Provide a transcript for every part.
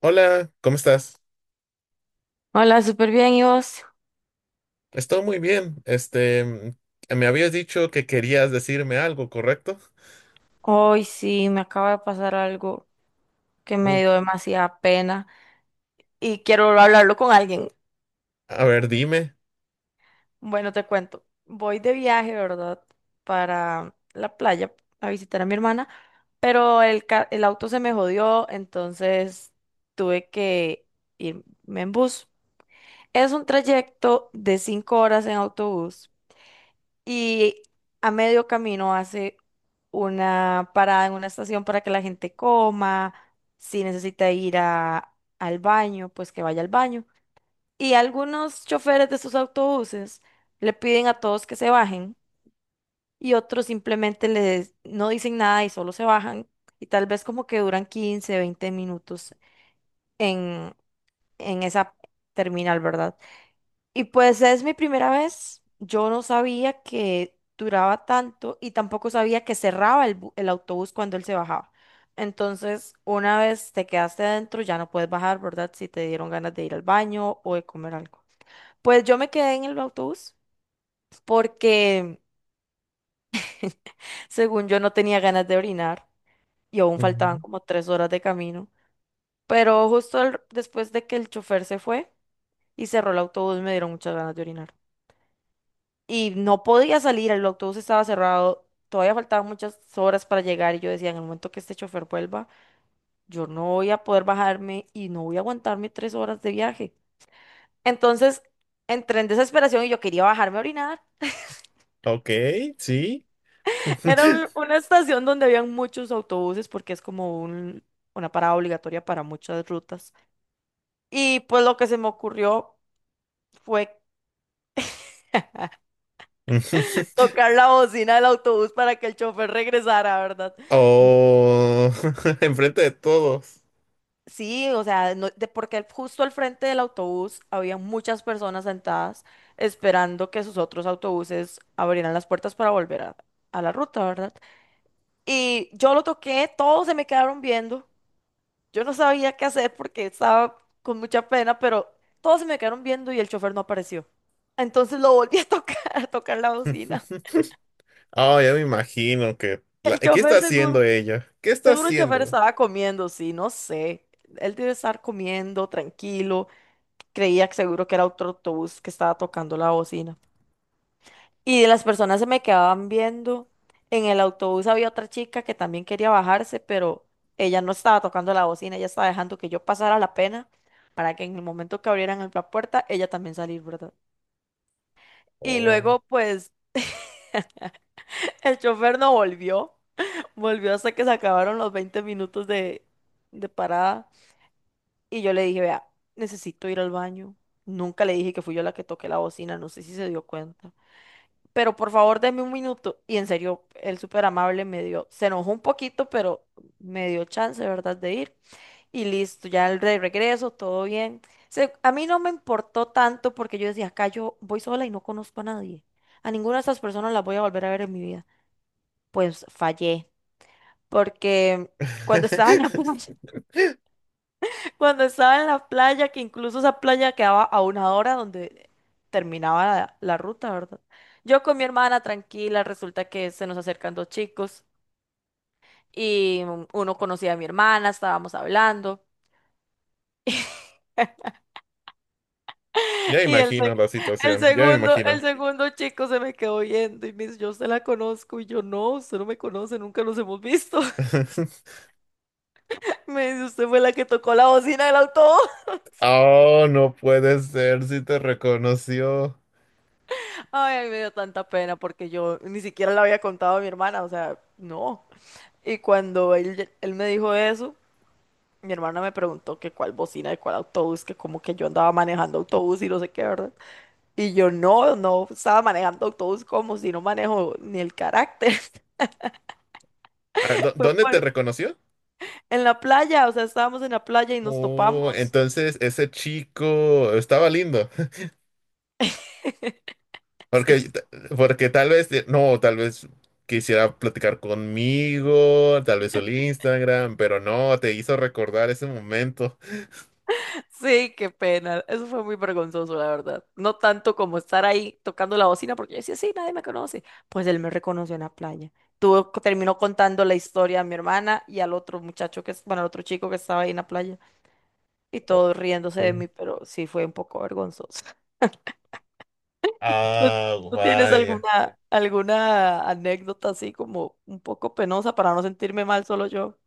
Hola, ¿cómo estás? Hola, súper bien, ¿y vos? Estoy muy bien. Me habías dicho que querías decirme algo, ¿correcto? Hoy sí, me acaba de pasar algo que me Uy, dio demasiada pena y quiero hablarlo con alguien. a ver, dime. Bueno, te cuento. Voy de viaje, ¿verdad? Para la playa a visitar a mi hermana, pero el auto se me jodió, entonces tuve que irme en bus. Es un trayecto de 5 horas en autobús y a medio camino hace una parada en una estación para que la gente coma, si necesita ir al baño, pues que vaya al baño. Y algunos choferes de estos autobuses le piden a todos que se bajen y otros simplemente les no dicen nada y solo se bajan y tal vez como que duran 15, 20 minutos en, en esa terminal, ¿verdad? Y pues es mi primera vez. Yo no sabía que duraba tanto y tampoco sabía que cerraba el autobús cuando él se bajaba. Entonces, una vez te quedaste dentro, ya no puedes bajar, ¿verdad? Si te dieron ganas de ir al baño o de comer algo. Pues yo me quedé en el autobús porque, según yo, no tenía ganas de orinar y aún faltaban Ujú. como 3 horas de camino. Pero justo después de que el chofer se fue y cerró el autobús, me dieron muchas ganas de orinar. Y no podía salir, el autobús estaba cerrado, todavía faltaban muchas horas para llegar y yo decía, en el momento que este chofer vuelva, yo no voy a poder bajarme y no voy a aguantarme 3 horas de viaje. Entonces, entré en desesperación y yo quería bajarme a orinar. Ok, sí. Era una estación donde habían muchos autobuses porque es como un, una parada obligatoria para muchas rutas. Y pues lo que se me ocurrió fue Ujú. tocar la bocina del autobús para que el chofer regresara, ¿verdad? Oh, enfrente de todos. Sí, o sea, porque justo al frente del autobús había muchas personas sentadas esperando que sus otros autobuses abrieran las puertas para volver a la ruta, ¿verdad? Y yo lo toqué, todos se me quedaron viendo. Yo no sabía qué hacer porque estaba con mucha pena, pero todos se me quedaron viendo y el chofer no apareció. Entonces lo volví a tocar, a tocar la bocina. Oh, ya me imagino que... El ¿Qué está chofer haciendo seguro, ella? ¿Qué está seguro el chofer haciendo? estaba comiendo, sí, no sé. Él debe estar comiendo, tranquilo. Creía que seguro que era otro autobús que estaba tocando la bocina. Y las personas se me quedaban viendo. En el autobús había otra chica que también quería bajarse, pero ella no estaba tocando la bocina, ella estaba dejando que yo pasara la pena para que en el momento que abrieran la puerta, ella también saliera, ¿verdad? Y Oh. luego, pues, el chofer no volvió, volvió hasta que se acabaron los 20 minutos de parada. Y yo le dije, vea, necesito ir al baño. Nunca le dije que fui yo la que toqué la bocina, no sé si se dio cuenta. Pero por favor deme un minuto. Y en serio, el súper amable me dio, se enojó un poquito, pero me dio chance, ¿verdad?, de ir. Y listo, ya el de regreso, todo bien. A mí no me importó tanto porque yo decía, acá yo voy sola y no conozco a nadie. A ninguna de esas personas las voy a volver a ver en mi vida. Pues fallé, porque cuando estaba en la playa, cuando estaba en la playa, que incluso esa playa quedaba a una hora donde terminaba la ruta, ¿verdad? Yo con mi hermana tranquila, resulta que se nos acercan dos chicos y uno conocía a mi hermana, estábamos hablando. Ya Y el, imagino se- la el situación, ya me segundo, el imagino. segundo chico se me quedó viendo y me dice, yo usted la conozco y yo no, usted no me conoce, nunca nos hemos visto. Me dice, usted fue la que tocó la bocina del autobús. Oh, no puede ser, si te reconoció. Ay, me dio tanta pena porque yo ni siquiera le había contado a mi hermana, o sea, no. Y cuando él me dijo eso, mi hermana me preguntó que cuál bocina y cuál autobús, que como que yo andaba manejando autobús y no sé qué, ¿verdad? Y yo no estaba manejando autobús como si no manejo ni el carácter. A ver, Fue ¿dónde te por- reconoció? en la playa, o sea, estábamos en la playa y nos Oh, topamos. entonces ese chico estaba lindo. Porque, Sí. t- porque tal vez, no, tal vez quisiera platicar conmigo, tal vez el Instagram, pero no, te hizo recordar ese momento. Sí, qué pena. Eso fue muy vergonzoso, la verdad. No tanto como estar ahí tocando la bocina, porque yo decía, sí, nadie me conoce. Pues él me reconoció en la playa. Terminó contando la historia a mi hermana y al otro muchacho que, bueno, al otro chico que estaba ahí en la playa. Y Oh, todos riéndose de sí. mí, pero sí fue un poco vergonzoso. ¿Tú, Ah, tú tienes vaya. alguna anécdota así como un poco penosa para no sentirme mal solo yo?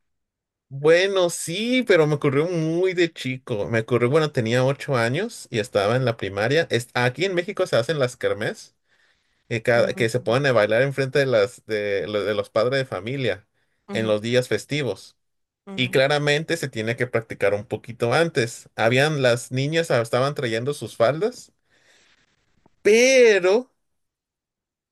Bueno, sí, pero me ocurrió muy de chico. Me ocurrió, bueno, tenía 8 años y estaba en la primaria. Aquí en México se hacen las kermés, que, cada- Ujú, que se ponen a bailar enfrente de los padres de familia en ujú, los días festivos. Y ujú. claramente se tiene que practicar un poquito antes. Habían las niñas estaban trayendo sus faldas, pero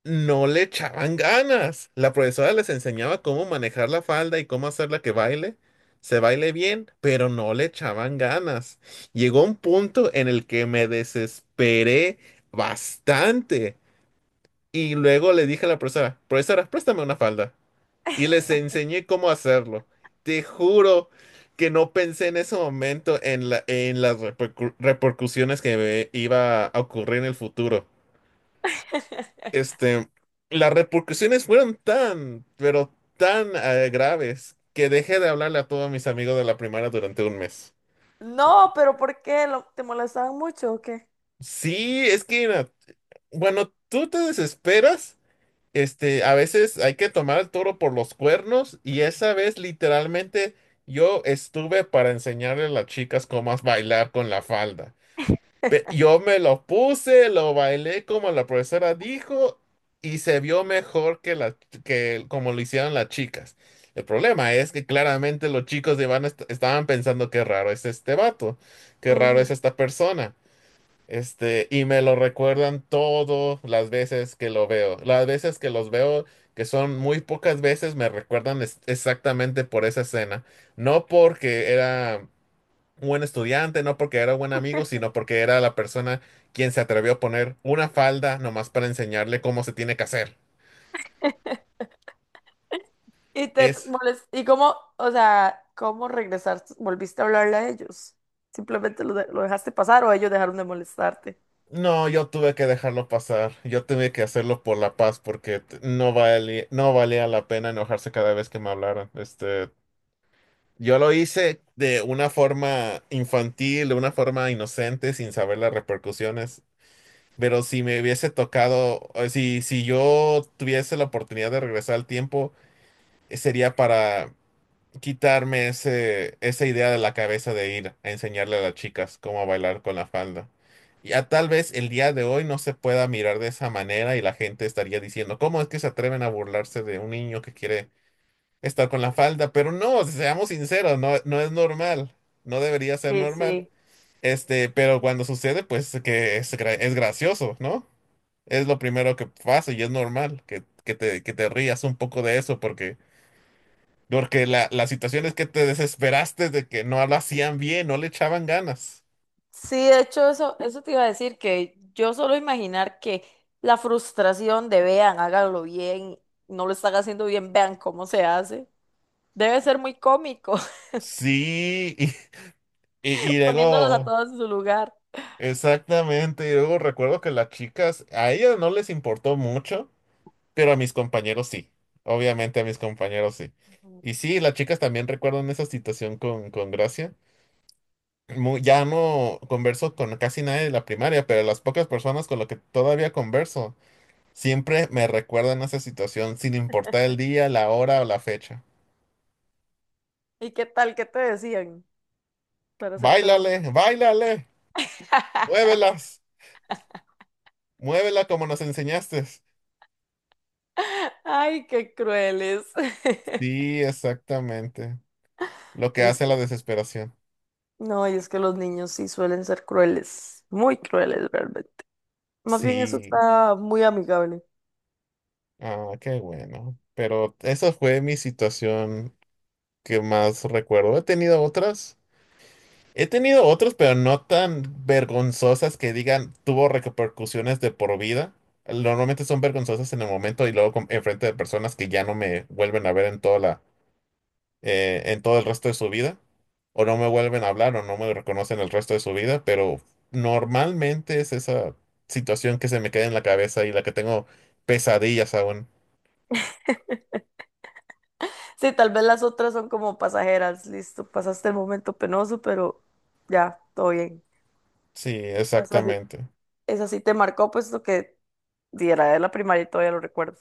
no le echaban ganas. La profesora les enseñaba cómo manejar la falda y cómo hacerla que baile, se baile bien, pero no le echaban ganas. Llegó un punto en el que me desesperé bastante. Y luego le dije a la profesora, profesora, préstame una falda. Y les enseñé cómo hacerlo. Te juro que no pensé en ese momento en las repercusiones que me iba a ocurrir en el futuro. Este, las repercusiones fueron tan, pero tan graves que dejé de hablarle a todos mis amigos de la primaria durante un mes. No, pero ¿por qué? Te molestaban mucho o qué? Sí, es que, mira, bueno, tú te desesperas. A veces hay que tomar el toro por los cuernos y esa vez literalmente yo estuve para enseñarle a las chicas cómo bailar con la falda. Yo me lo puse, lo bailé como la profesora dijo y se vio mejor que como lo hicieron las chicas. El problema es que claramente los chicos de Iván estaban pensando qué raro es este vato, qué raro es esta persona. Y me lo recuerdan todas las veces que lo veo. Las veces que los veo, que son muy pocas veces, me recuerdan exactamente por esa escena. No porque era un buen estudiante, no porque era buen amigo, sino porque era la persona quien se atrevió a poner una falda nomás para enseñarle cómo se tiene que hacer. Y Es, ¿Y cómo, o sea, cómo regresar? ¿Volviste a hablarle a ellos? ¿Simplemente lo dejaste pasar o ellos dejaron de molestarte? no, yo tuve que dejarlo pasar. Yo tuve que hacerlo por la paz porque no valía, la pena enojarse cada vez que me hablaran. Yo lo hice de una forma infantil, de una forma inocente, sin saber las repercusiones. Pero si me hubiese tocado, o si yo tuviese la oportunidad de regresar al tiempo, sería para quitarme esa idea de la cabeza de ir a enseñarle a las chicas cómo bailar con la falda. Ya tal vez el día de hoy no se pueda mirar de esa manera y la gente estaría diciendo, ¿cómo es que se atreven a burlarse de un niño que quiere estar con la falda? Pero no, seamos sinceros, no, no es normal, no debería ser Sí, normal. sí. Pero cuando sucede, pues que es gracioso, ¿no? Es lo primero que pasa y es normal que te rías un poco de eso, porque porque la situación es que te desesperaste de que no lo hacían bien, no le echaban ganas. Sí, de hecho, eso te iba a decir que yo solo imaginar que la frustración de vean, háganlo bien, no lo están haciendo bien, vean cómo se hace, debe ser muy cómico, Sí, y poniéndolas a luego, todas en su lugar. exactamente, y luego recuerdo que las chicas, a ellas no les importó mucho. Pero a mis compañeros sí. Obviamente a mis compañeros sí. Ujú. Y sí, las chicas también recuerdan esa situación con gracia. Ya no converso con casi nadie de la primaria, pero las pocas personas con las que todavía converso siempre me recuerdan esa situación, sin importar el día, la hora o la fecha. ¿Y qué tal? ¿Qué te decían para hacerte enojar? ¡Báilale! ¡Báilale! ¡Muévelas! ¡Muévela como nos enseñaste! Ay, qué crueles. Sí, exactamente. Lo que Es. hace la desesperación. No, y es que los niños sí suelen ser crueles, muy crueles realmente. Más bien eso Sí. está muy amigable. Ah, qué bueno. Pero esa fue mi situación que más recuerdo. He tenido otras. He tenido otras, pero no tan vergonzosas que digan tuvo repercusiones de por vida. Normalmente son vergonzosas en el momento y luego enfrente de personas que ya no me vuelven a ver en toda la, en todo el resto de su vida. O no me vuelven a hablar o no me reconocen el resto de su vida. Pero normalmente es esa situación que se me queda en la cabeza y la que tengo pesadillas aún. Sí, tal vez las otras son como pasajeras, listo, pasaste el momento penoso, pero ya, todo bien. Sí, Esa sí, exactamente. esa sí te marcó, pues lo que diera de la primaria y todavía lo recuerdo.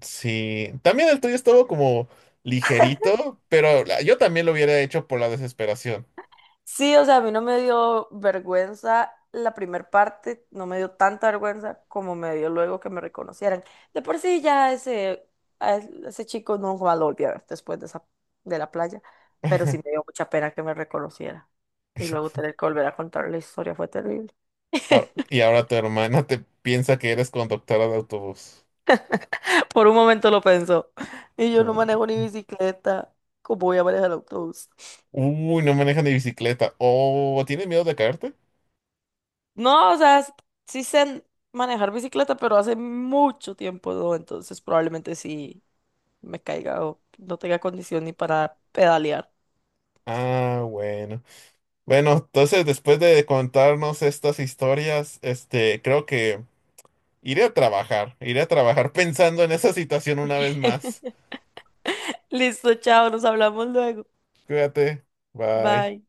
Sí, también el tuyo estuvo como ligerito, pero yo también lo hubiera hecho por la desesperación. Sí, o sea, a mí no me dio vergüenza la primer parte, no me dio tanta vergüenza como me dio luego que me reconocieran. De por sí ya ese, a ese chico no va a lo volví a ver después de esa, de la playa, pero sí me dio mucha pena que me reconociera. Y luego tener que volver a contar la historia fue terrible. Y ahora tu hermana te piensa que eres conductora de autobús. Por un momento lo pensó. Y yo no U- manejo ni bicicleta, ¿cómo voy a manejar el autobús? Uy, no maneja ni bicicleta. Oh, ¿tienes miedo de caerte? No, o sea, sí sé manejar bicicleta, pero hace mucho tiempo no, entonces probablemente sí me caiga o no tenga condición ni para pedalear. Ah, bueno. Bueno, entonces después de contarnos estas historias, creo que iré a trabajar. Iré a trabajar pensando en esa situación una vez más. Listo, chao, nos hablamos luego. Cuídate. Bye. Bye.